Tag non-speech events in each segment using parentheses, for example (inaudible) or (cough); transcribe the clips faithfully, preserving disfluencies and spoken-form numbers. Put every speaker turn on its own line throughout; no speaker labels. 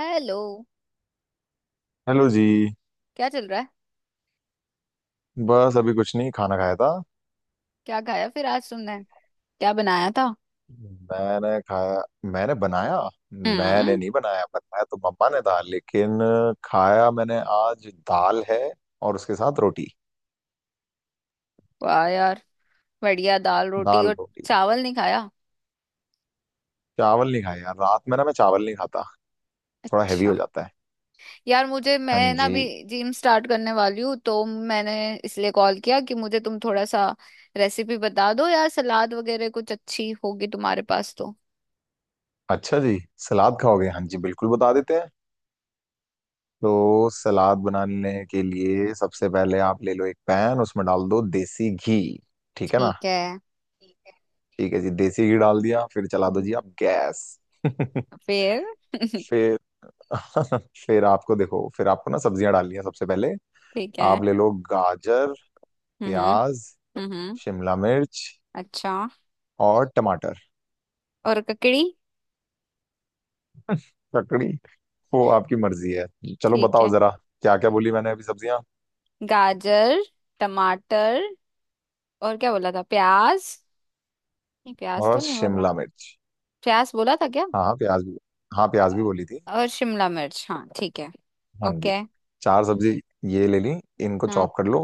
Hello.
Hello जी।
क्या चल रहा है?
बस अभी कुछ नहीं, खाना खाया था।
क्या खाया फिर आज तुमने? क्या बनाया था?
हम्म। मैंने खाया। मैंने बनाया। मैंने
हम्म।
नहीं बनाया, बनाया तो मम्मा ने था, लेकिन खाया मैंने। आज दाल है और उसके साथ रोटी।
वाह यार, बढ़िया। दाल रोटी
दाल
और
रोटी।
चावल नहीं खाया?
चावल नहीं खाया यार, रात में ना मैं चावल नहीं खाता, थोड़ा हैवी हो
अच्छा।
जाता है।
यार मुझे,
हाँ
मैं ना
जी।
अभी जिम स्टार्ट करने वाली हूँ तो मैंने इसलिए कॉल किया कि मुझे तुम थोड़ा सा रेसिपी बता दो यार। सलाद वगैरह कुछ अच्छी होगी तुम्हारे पास तो?
अच्छा जी, सलाद खाओगे? हाँ जी, बिल्कुल, बता देते हैं। तो सलाद बनाने के लिए सबसे पहले आप ले लो एक पैन, उसमें डाल दो देसी घी। ठीक है ना?
ठीक है।
ठीक है। ठीक है जी, देसी घी डाल दिया, फिर चला दो
हम्म,
जी आप गैस। (laughs)
फिर (laughs)
फिर। (laughs) फिर आपको देखो, फिर आपको ना सब्जियां डालनी है। सबसे पहले
ठीक है।
आप ले लो गाजर,
हम्म।
प्याज,
हम्म।
शिमला मिर्च
अच्छा।
और टमाटर।
और ककड़ी?
ककड़ी, वो आपकी मर्जी है। चलो
ठीक
बताओ
है।
जरा, क्या क्या बोली मैंने अभी सब्जियां?
गाजर, टमाटर, और क्या बोला था? प्याज? नहीं, प्याज
और
तो नहीं बोला।
शिमला मिर्च।
प्याज बोला था क्या?
हाँ हाँ, प्याज भी, हाँ प्याज भी बोली थी।
और शिमला मिर्च? हाँ ठीक है।
हाँ जी।
ओके।
चार सब्जी ये ले ली, इनको
हाँ
चॉप कर लो।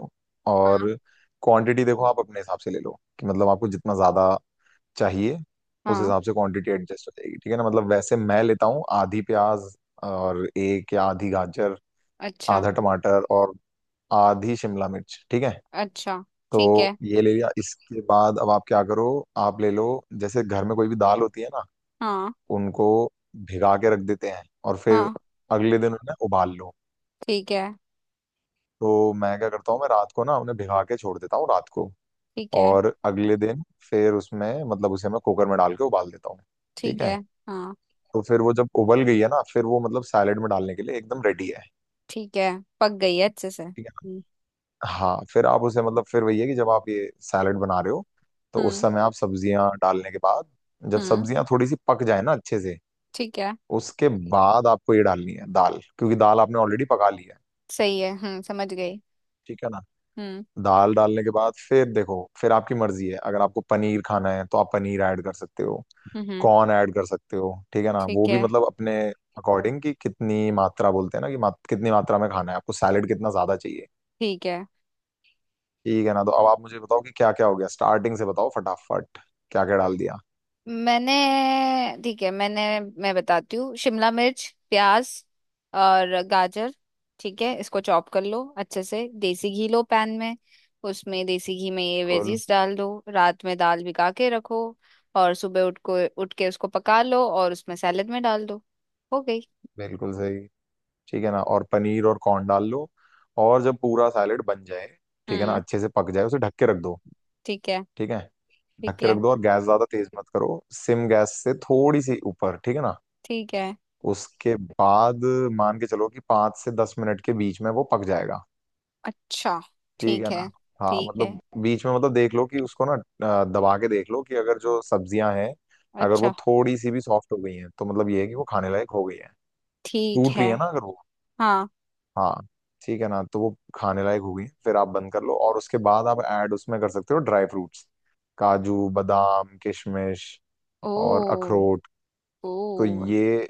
और
हाँ
क्वांटिटी देखो, आप अपने हिसाब से ले लो कि मतलब आपको जितना ज्यादा चाहिए, उस
हाँ।
हिसाब से क्वांटिटी एडजस्ट हो जाएगी। ठीक है ना? मतलब वैसे मैं लेता हूँ आधी प्याज और एक या आधी गाजर,
अच्छा
आधा टमाटर और आधी शिमला मिर्च। ठीक है।
अच्छा।
तो
ठीक है।
ये ले लिया, इसके बाद अब आप क्या करो, आप ले लो। जैसे घर में कोई भी दाल होती है ना,
हाँ
उनको भिगा के रख देते हैं और फिर
हाँ।
अगले दिन उन्हें उबाल लो।
ठीक है।
तो मैं क्या करता हूँ, मैं रात को ना उन्हें भिगा के छोड़ देता हूँ रात को।
ठीक है।
और अगले दिन फिर उसमें मतलब उसे मैं कुकर में डाल के उबाल देता हूँ।
ठीक
ठीक है।
है। हाँ।
तो फिर वो जब उबल गई है ना, फिर वो मतलब सैलेड में डालने के लिए एकदम रेडी है।
ठीक है। पक गई है अच्छे से?
ठीक है
हम्म।
ना। हाँ, फिर आप उसे मतलब फिर वही है कि जब आप ये सैलेड बना रहे हो, तो उस
हम्म।
समय आप सब्जियां डालने के बाद, जब
हम्म,
सब्जियां थोड़ी सी पक जाए ना अच्छे से,
ठीक है।
उसके बाद आपको ये डालनी है दाल, क्योंकि दाल आपने ऑलरेडी पका ली है।
सही है, हम्म, समझ गई।
ठीक है ना।
हम्म।
दाल डालने के बाद फिर देखो, फिर आपकी मर्जी है, अगर आपको पनीर खाना है तो आप पनीर ऐड कर सकते हो।
हम्म। हम्म।
कौन ऐड कर सकते हो। ठीक है ना। वो
ठीक
भी
है।
मतलब अपने अकॉर्डिंग कि कितनी मात्रा, बोलते हैं ना, कि मात, कितनी मात्रा में खाना है आपको, सैलेड कितना ज्यादा चाहिए।
ठीक है
ठीक है ना। तो अब आप मुझे बताओ कि क्या क्या हो गया, स्टार्टिंग से बताओ फटाफट, क्या क्या डाल दिया।
मैंने ठीक है। मैंने मैं बताती हूँ। शिमला मिर्च, प्याज, और गाजर। ठीक है, इसको चॉप कर लो अच्छे से। देसी घी लो पैन में। उसमें देसी घी में ये
बिल्कुल।
वेजीज डाल दो। रात में दाल भिगा के रखो, और सुबह उठ को उठ के उसको पका लो और उसमें सैलेड में डाल दो। हो गई।
बिल्कुल सही। ठीक है ना। और पनीर और कॉर्न डाल लो। और जब पूरा सैलेड बन जाए, ठीक है ना,
हम्म।
अच्छे से पक जाए, उसे ढक के रख दो।
ठीक है।
ठीक है। ढक
ठीक
के रख
है।
दो और गैस ज्यादा तेज मत करो। सिम गैस से थोड़ी सी ऊपर। ठीक है ना।
ठीक है।
उसके बाद मान के चलो कि पाँच से दस मिनट के बीच में वो पक जाएगा।
अच्छा।
ठीक
ठीक
है ना।
है।
हाँ,
ठीक है।
मतलब बीच में मतलब देख लो कि उसको ना, अ, दबा के देख लो कि अगर जो सब्जियां हैं, अगर वो
अच्छा।
थोड़ी सी भी सॉफ्ट हो गई हैं, तो मतलब ये है कि वो खाने लायक हो गई है।
ठीक
टूट रही
है।
है ना अगर वो।
हाँ।
हाँ। ठीक है ना। तो वो खाने लायक हो गई है, फिर आप बंद कर लो और उसके बाद आप ऐड उसमें कर सकते हो ड्राई फ्रूट्स, काजू बादाम किशमिश और
ओ।
अखरोट।
ओ।
तो ये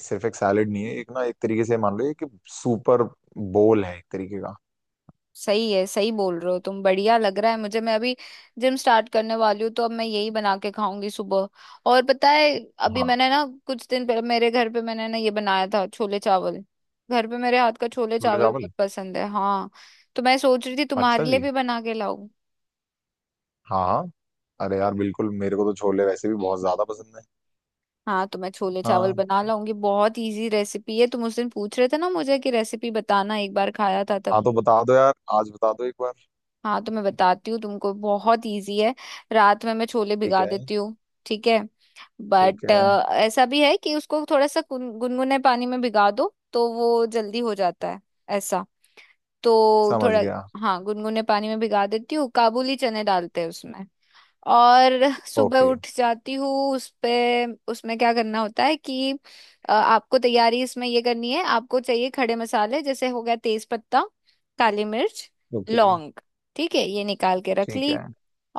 सिर्फ एक सैलेड नहीं है, एक ना एक तरीके से मान लो ये कि सुपर बोल है एक तरीके का।
सही है, सही बोल रहे हो तुम, बढ़िया लग रहा है मुझे। मैं अभी जिम स्टार्ट करने वाली हूँ तो अब मैं यही बना के खाऊंगी सुबह। और पता है, अभी
हाँ।
मैंने ना कुछ दिन पहले मेरे घर पे मैंने ना ये बनाया था छोले चावल। घर पे मेरे हाथ का छोले
छोले
चावल
चावल।
बहुत पसंद है, हाँ। तो मैं सोच रही थी तुम्हारे
अच्छा
लिए
जी।
भी बना के लाऊं।
हाँ हाँ। अरे यार बिल्कुल, मेरे को तो छोले वैसे भी बहुत ज्यादा पसंद है।
हाँ, तो मैं छोले चावल
हाँ।
बना लाऊंगी, बहुत इजी रेसिपी है। तुम उस दिन पूछ रहे थे ना मुझे कि रेसिपी बताना, एक बार खाया था।
हाँ, तो बता दो यार, आज बता दो एक बार।
हाँ तो मैं बताती हूँ तुमको, बहुत इजी है। रात में मैं छोले
ठीक
भिगा
है।
देती हूँ। ठीक है।
ठीक
बट
है।
ऐसा भी है कि उसको थोड़ा सा गुन- गुनगुने पानी में भिगा दो तो वो जल्दी हो जाता है। ऐसा। तो
समझ
थोड़ा,
गया।
हाँ, गुनगुने पानी में भिगा देती हूँ। काबुली चने डालते हैं उसमें। और सुबह
ओके।
उठ जाती हूँ। उस पे उसमें क्या करना होता है कि अ, आपको तैयारी इसमें ये करनी है। आपको चाहिए खड़े मसाले, जैसे हो गया तेज पत्ता, काली मिर्च,
ओके।
लौंग। ठीक है, ये निकाल के रख
ठीक
ली।
है।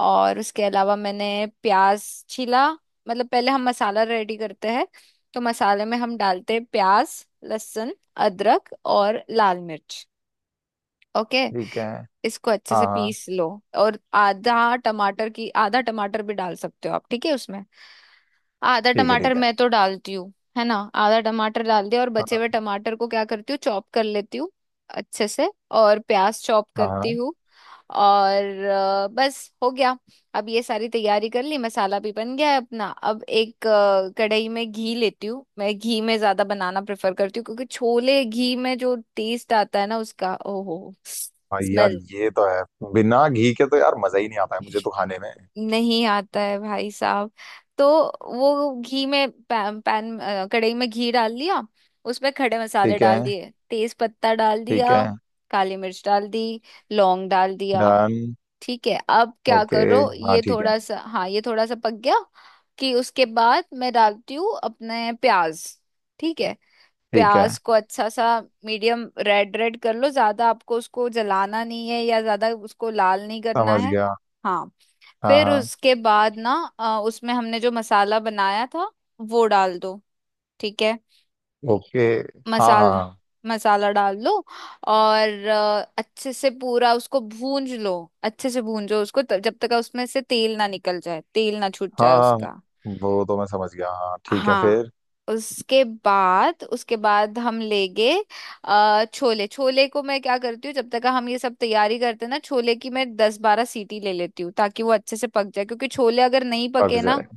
और उसके अलावा मैंने प्याज छीला। मतलब पहले हम मसाला रेडी करते हैं, तो मसाले में हम डालते हैं प्याज, लहसुन, अदरक, और लाल मिर्च। ओके।
ठीक है।
इसको अच्छे
हाँ
से
हाँ।
पीस लो। और आधा टमाटर की आधा टमाटर भी डाल सकते हो आप, ठीक है, उसमें। आधा
ठीक है।
टमाटर
ठीक है।
मैं तो डालती हूँ, है ना। आधा टमाटर डाल दिया, और
हाँ
बचे
हाँ।
हुए टमाटर को क्या करती हूँ, चॉप कर लेती हूँ अच्छे से। और प्याज चॉप करती
हाँ।
हूँ। और अ, बस हो गया। अब ये सारी तैयारी कर ली, मसाला भी बन गया है अपना। अब एक अ, कढ़ाई में घी लेती हूँ। मैं घी में ज्यादा बनाना प्रेफर करती हूँ क्योंकि छोले घी में जो टेस्ट आता है ना उसका, ओहो,
हाँ, यार
स्मेल।
ये तो है। बिना घी के तो यार मजा ही नहीं आता है, मुझे तो खाने में।
नहीं आता है भाई साहब। तो वो घी में पैन, पैन अ, कढ़ाई में घी डाल दिया। उसमें खड़े मसाले
ठीक है।
डाल दिए, तेज पत्ता डाल
ठीक
दिया,
है।
काली मिर्च डाल दी, लौंग डाल दिया।
डन।
ठीक है, अब क्या
ओके।
करो,
हाँ
ये
ठीक है।
थोड़ा सा, हाँ, ये थोड़ा सा पक गया। कि उसके बाद मैं डालती हूँ अपने प्याज। ठीक है।
ठीक है।
प्याज को अच्छा सा मीडियम रेड रेड कर लो। ज्यादा आपको उसको जलाना नहीं है, या ज्यादा उसको लाल नहीं करना
समझ
है।
गया।
हाँ।
हाँ
फिर
हाँ।
उसके बाद ना अ, उसमें हमने जो मसाला बनाया था, वो डाल दो। ठीक है।
ओके। हाँ
मसाला,
हाँ।
मसाला डाल लो। और अ, अच्छे से पूरा उसको भूंज लो। अच्छे से भूंजो उसको त- जब तक उसमें से तेल ना निकल जाए, तेल ना छूट
हाँ
जाए
हाँ। हाँ,
उसका।
वो तो मैं समझ गया। हाँ ठीक है,
हाँ।
फिर?
उसके बाद उसके बाद हम लेंगे अ, छोले। छोले को मैं क्या करती हूँ, जब तक हम ये सब तैयारी करते हैं ना, छोले की मैं दस बारह सीटी ले लेती हूँ, ताकि वो अच्छे से पक जाए, क्योंकि छोले अगर नहीं
पक
पके ना
जाए।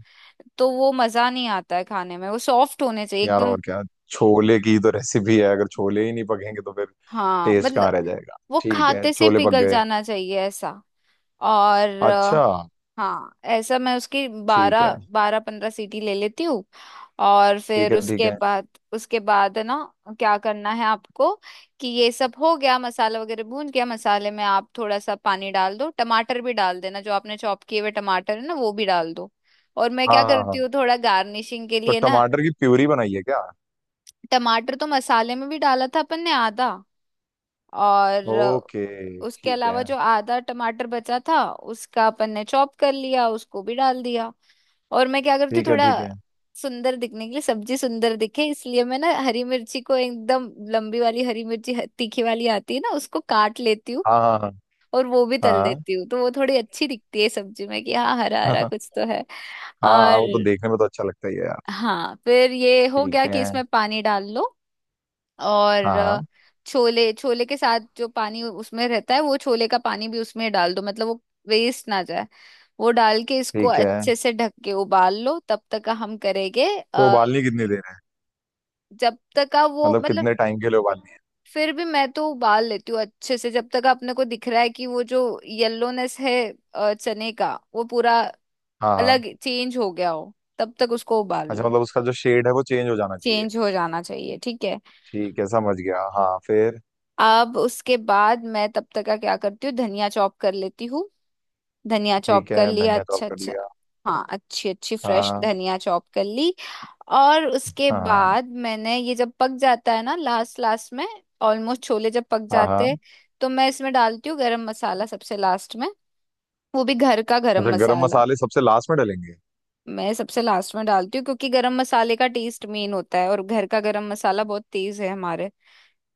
तो वो मजा नहीं आता है खाने में। वो सॉफ्ट होने चाहिए
यार
एकदम।
और क्या, छोले की तो रेसिपी है, अगर छोले ही नहीं पकेंगे तो फिर
हाँ
टेस्ट कहाँ
मतलब
रह जाएगा।
वो
ठीक है,
खाते से
छोले पक
पिघल
गए।
जाना चाहिए, ऐसा। और अ,
अच्छा।
हाँ ऐसा मैं उसकी
ठीक है।
बारह बारह पंद्रह सीटी ले लेती हूँ। और
ठीक
फिर
है। ठीक
उसके
है।
बाद उसके बाद है ना, क्या करना है आपको कि ये सब हो गया, मसाला वगैरह भून गया, मसाले में आप थोड़ा सा पानी डाल दो। टमाटर भी डाल देना, जो आपने चॉप किए हुए टमाटर है ना, वो भी डाल दो। और मैं क्या
हाँ हाँ
करती हूँ
हाँ।
थोड़ा गार्निशिंग के
तो
लिए ना।
टमाटर की प्यूरी बनाई है क्या?
टमाटर तो मसाले में भी डाला था अपन ने आधा, और
ओके।
उसके
ठीक
अलावा
है।
जो आधा टमाटर बचा था उसका अपन ने चॉप कर लिया, उसको भी डाल दिया। और मैं क्या करती हूँ
ठीक है।
थोड़ा
ठीक है।
सुंदर दिखने के लिए, सब्जी सुंदर दिखे इसलिए, मैं ना हरी मिर्ची को, एकदम लंबी वाली हरी मिर्ची ह- तीखी वाली आती है ना, उसको काट लेती हूँ
हाँ हाँ हाँ।
और वो भी तल देती हूँ। तो वो थोड़ी अच्छी दिखती है सब्जी में कि हाँ हरा
हाँ हाँ
हरा
हाँ।
कुछ तो है।
हाँ, हाँ,
और
वो तो देखने में तो अच्छा लगता ही है यार।
हाँ फिर ये हो गया
ठीक
कि
है।
इसमें पानी डाल लो। और
हाँ
अ,
हाँ।
छोले, छोले के साथ जो पानी उसमें रहता है, वो छोले का पानी भी उसमें डाल दो, मतलब वो वेस्ट ना जाए। वो डाल के इसको
ठीक है।
अच्छे से ढक के उबाल लो। तब तक का हम करेंगे
तो
अ,
उबालनी कितनी देर है?
जब तक का वो
मतलब
मतलब,
कितने टाइम के लिए उबालनी है?
फिर भी मैं तो उबाल लेती हूँ अच्छे से, जब तक अपने को दिख रहा है कि वो जो येलोनेस है अ, चने का, वो पूरा
हाँ हाँ।
अलग चेंज हो गया हो, तब तक उसको उबाल
अच्छा,
लो।
मतलब उसका जो शेड है वो चेंज हो जाना चाहिए।
चेंज हो जाना चाहिए, ठीक है।
ठीक है समझ गया, हाँ फिर?
अब उसके बाद मैं तब तक का क्या करती हूँ, धनिया चॉप कर लेती हूँ। धनिया चॉप
ठीक है,
कर लिया
धनिया चॉप
अच्छा
कर
अच्छा।
लिया।
हाँ अच्छी अच्छी फ्रेश
हाँ
धनिया चॉप कर ली। और उसके
हाँ।
बाद मैंने ये जब पक जाता है ना लास्ट लास्ट में, ऑलमोस्ट छोले जब पक
हाँ
जाते हैं,
हाँ।
तो मैं इसमें डालती हूँ गरम मसाला सबसे लास्ट में। वो भी घर का गरम
अच्छा, गरम
मसाला।
मसाले सबसे लास्ट में डालेंगे।
मैं सबसे लास्ट में डालती हूँ क्योंकि गरम मसाले का टेस्ट मेन होता है, और घर का गरम मसाला बहुत तेज है हमारे।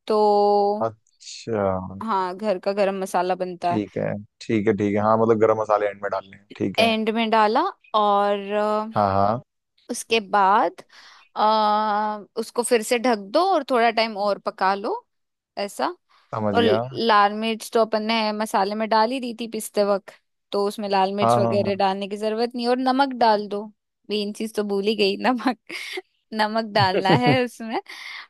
तो
अच्छा।
हाँ, घर का गरम मसाला बनता है।
ठीक है। ठीक है। ठीक है, हाँ मतलब गरम मसाले एंड में डालने हैं। ठीक है।
एंड में डाला। और अ,
हाँ हाँ।
उसके बाद आ, उसको फिर से ढक दो और थोड़ा टाइम और पका लो, ऐसा।
समझ
और
गया।
लाल मिर्च तो अपन ने मसाले में डाल ही दी थी पिसते वक्त, तो उसमें लाल मिर्च
हाँ
वगैरह
हाँ
डालने की जरूरत नहीं। और नमक डाल दो। मेन चीज तो भूल ही गई, नमक। (laughs) नमक डालना
हाँ।
है उसमें।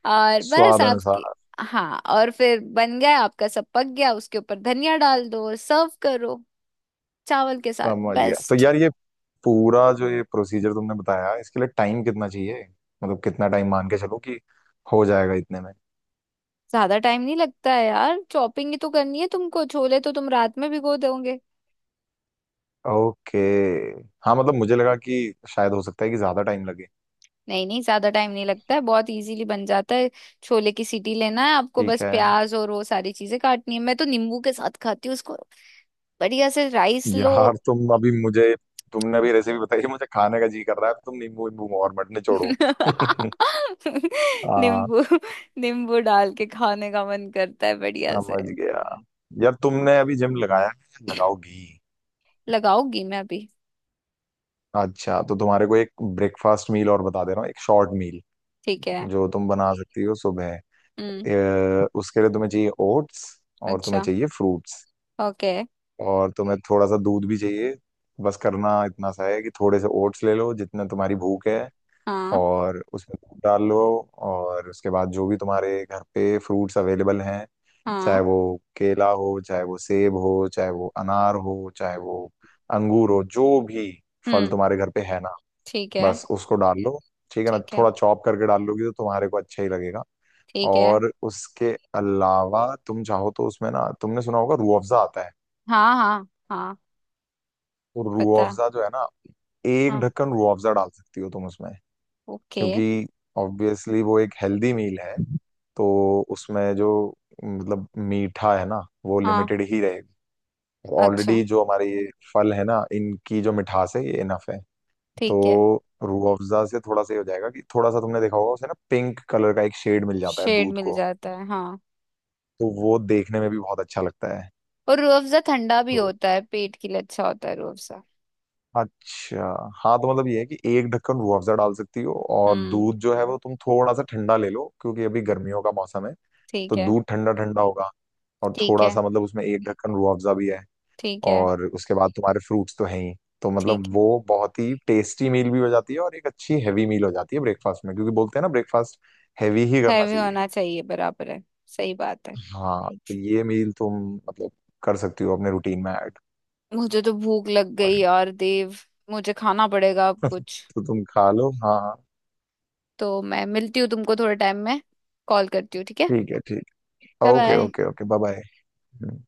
और
(laughs)
बस
स्वाद
आपकी,
अनुसार।
हाँ, और फिर बन गया आपका, सब पक गया, उसके ऊपर धनिया डाल दो और सर्व करो चावल के साथ।
समझ गया। तो
बेस्ट।
यार ये पूरा जो ये प्रोसीजर तुमने बताया, इसके लिए टाइम कितना चाहिए? मतलब कितना टाइम मान के चलो कि हो जाएगा इतने में?
ज्यादा टाइम नहीं लगता है यार, चॉपिंग ही तो करनी है तुमको। छोले तो तुम रात में भिगो दोगे।
ओके। हाँ मतलब मुझे लगा कि शायद हो सकता है कि ज्यादा टाइम लगे।
नहीं नहीं, ज्यादा टाइम नहीं लगता है, बहुत इजीली बन जाता है। छोले की सीटी लेना है आपको बस,
ठीक है।
प्याज और वो सारी चीजें काटनी है। मैं तो नींबू के साथ खाती हूँ उसको, बढ़िया से राइस लो।
यार तुम अभी मुझे, तुमने अभी रेसिपी बताई, मुझे खाने का जी कर रहा है, तो तुम नींबू वींबू और मत
(laughs)
निचोड़ो। (laughs) हाँ।
नींबू, नींबू डाल के खाने का मन करता है बढ़िया से।
समझ गया। यार तुमने अभी जिम लगाया है, लगाओगी?
लगाऊंगी मैं अभी।
अच्छा तो तुम्हारे को एक ब्रेकफास्ट मील और बता दे रहा हूँ, एक शॉर्ट मील
ठीक है।
जो तुम बना सकती हो सुबह।
हम्म।
अ, उसके लिए तुम्हें चाहिए ओट्स, और तुम्हें
अच्छा।
चाहिए फ्रूट्स,
ओके।
और तुम्हें थोड़ा सा दूध भी चाहिए। बस करना इतना सा है कि थोड़े से ओट्स ले लो जितना तुम्हारी भूख है,
हाँ
और उसमें दूध डाल लो। और उसके बाद जो भी तुम्हारे घर पे फ्रूट्स अवेलेबल हैं, चाहे
हाँ।
वो केला हो, चाहे वो सेब हो, चाहे वो अनार हो, चाहे वो अंगूर हो, जो भी फल
हम्म।
तुम्हारे घर पे है ना,
ठीक है।
बस उसको डाल लो। ठीक है ना?
ठीक है।
थोड़ा चॉप करके डाल लोगी तो तुम्हारे को अच्छा ही लगेगा।
ठीक है।
और उसके अलावा तुम चाहो तो उसमें ना, तुमने सुना होगा रूह अफ़ज़ा आता है,
हाँ हाँ हाँ,
तो रूह
पता है।
अफ़ज़ा जो है ना, एक
हाँ।
ढक्कन रूह अफ़ज़ा डाल सकती हो तुम उसमें,
ओके।
क्योंकि ऑब्वियसली वो एक हेल्दी मील है। तो उसमें जो मतलब मीठा है ना, वो
हाँ।
लिमिटेड ही रहेगी।
अच्छा।
ऑलरेडी जो हमारे ये फल है ना, इनकी जो मिठास है ये इनफ है। तो
ठीक है।
रूह अफ़ज़ा से थोड़ा सा ये हो जाएगा कि थोड़ा सा, तुमने देखा होगा उसे ना, पिंक कलर का एक शेड मिल जाता है
शेड
दूध
मिल
को।
जाता है, हाँ।
तो वो देखने में भी बहुत अच्छा लगता है।
और रूह अफ़ज़ा ठंडा भी
तो
होता है, पेट के लिए अच्छा होता है रूह अफ़ज़ा।
अच्छा। हाँ, तो मतलब ये है कि एक ढक्कन रूह अफ़ज़ा डाल सकती हो, और
हम्म।
दूध जो है वो तुम थोड़ा सा ठंडा ले लो, क्योंकि अभी गर्मियों का मौसम है, तो
ठीक है।
दूध ठंडा ठंडा होगा। और
ठीक
थोड़ा
है।
सा मतलब उसमें एक ढक्कन रूह अफ़ज़ा भी है।
ठीक है।
और उसके बाद तुम्हारे फ्रूट्स तो हैं ही। तो
ठीक
मतलब
है।
वो बहुत ही टेस्टी मील भी हो जाती है, और एक अच्छी हैवी मील हो जाती है ब्रेकफास्ट में, क्योंकि बोलते हैं ना, ब्रेकफास्ट हैवी ही करना
हैवी
चाहिए।
होना चाहिए, बराबर है। सही बात है।
हाँ तो ये मील तुम मतलब कर सकती हो अपने रूटीन में ऐड।
मुझे तो भूख लग गई
और
यार देव। मुझे खाना पड़ेगा अब कुछ।
तो तुम खा लो, हाँ हाँ।
तो मैं मिलती हूँ तुमको थोड़े टाइम में, कॉल करती हूँ, ठीक है।
ठीक है, ठीक है,
bye
okay
bye.
Okay okay bye. Bye.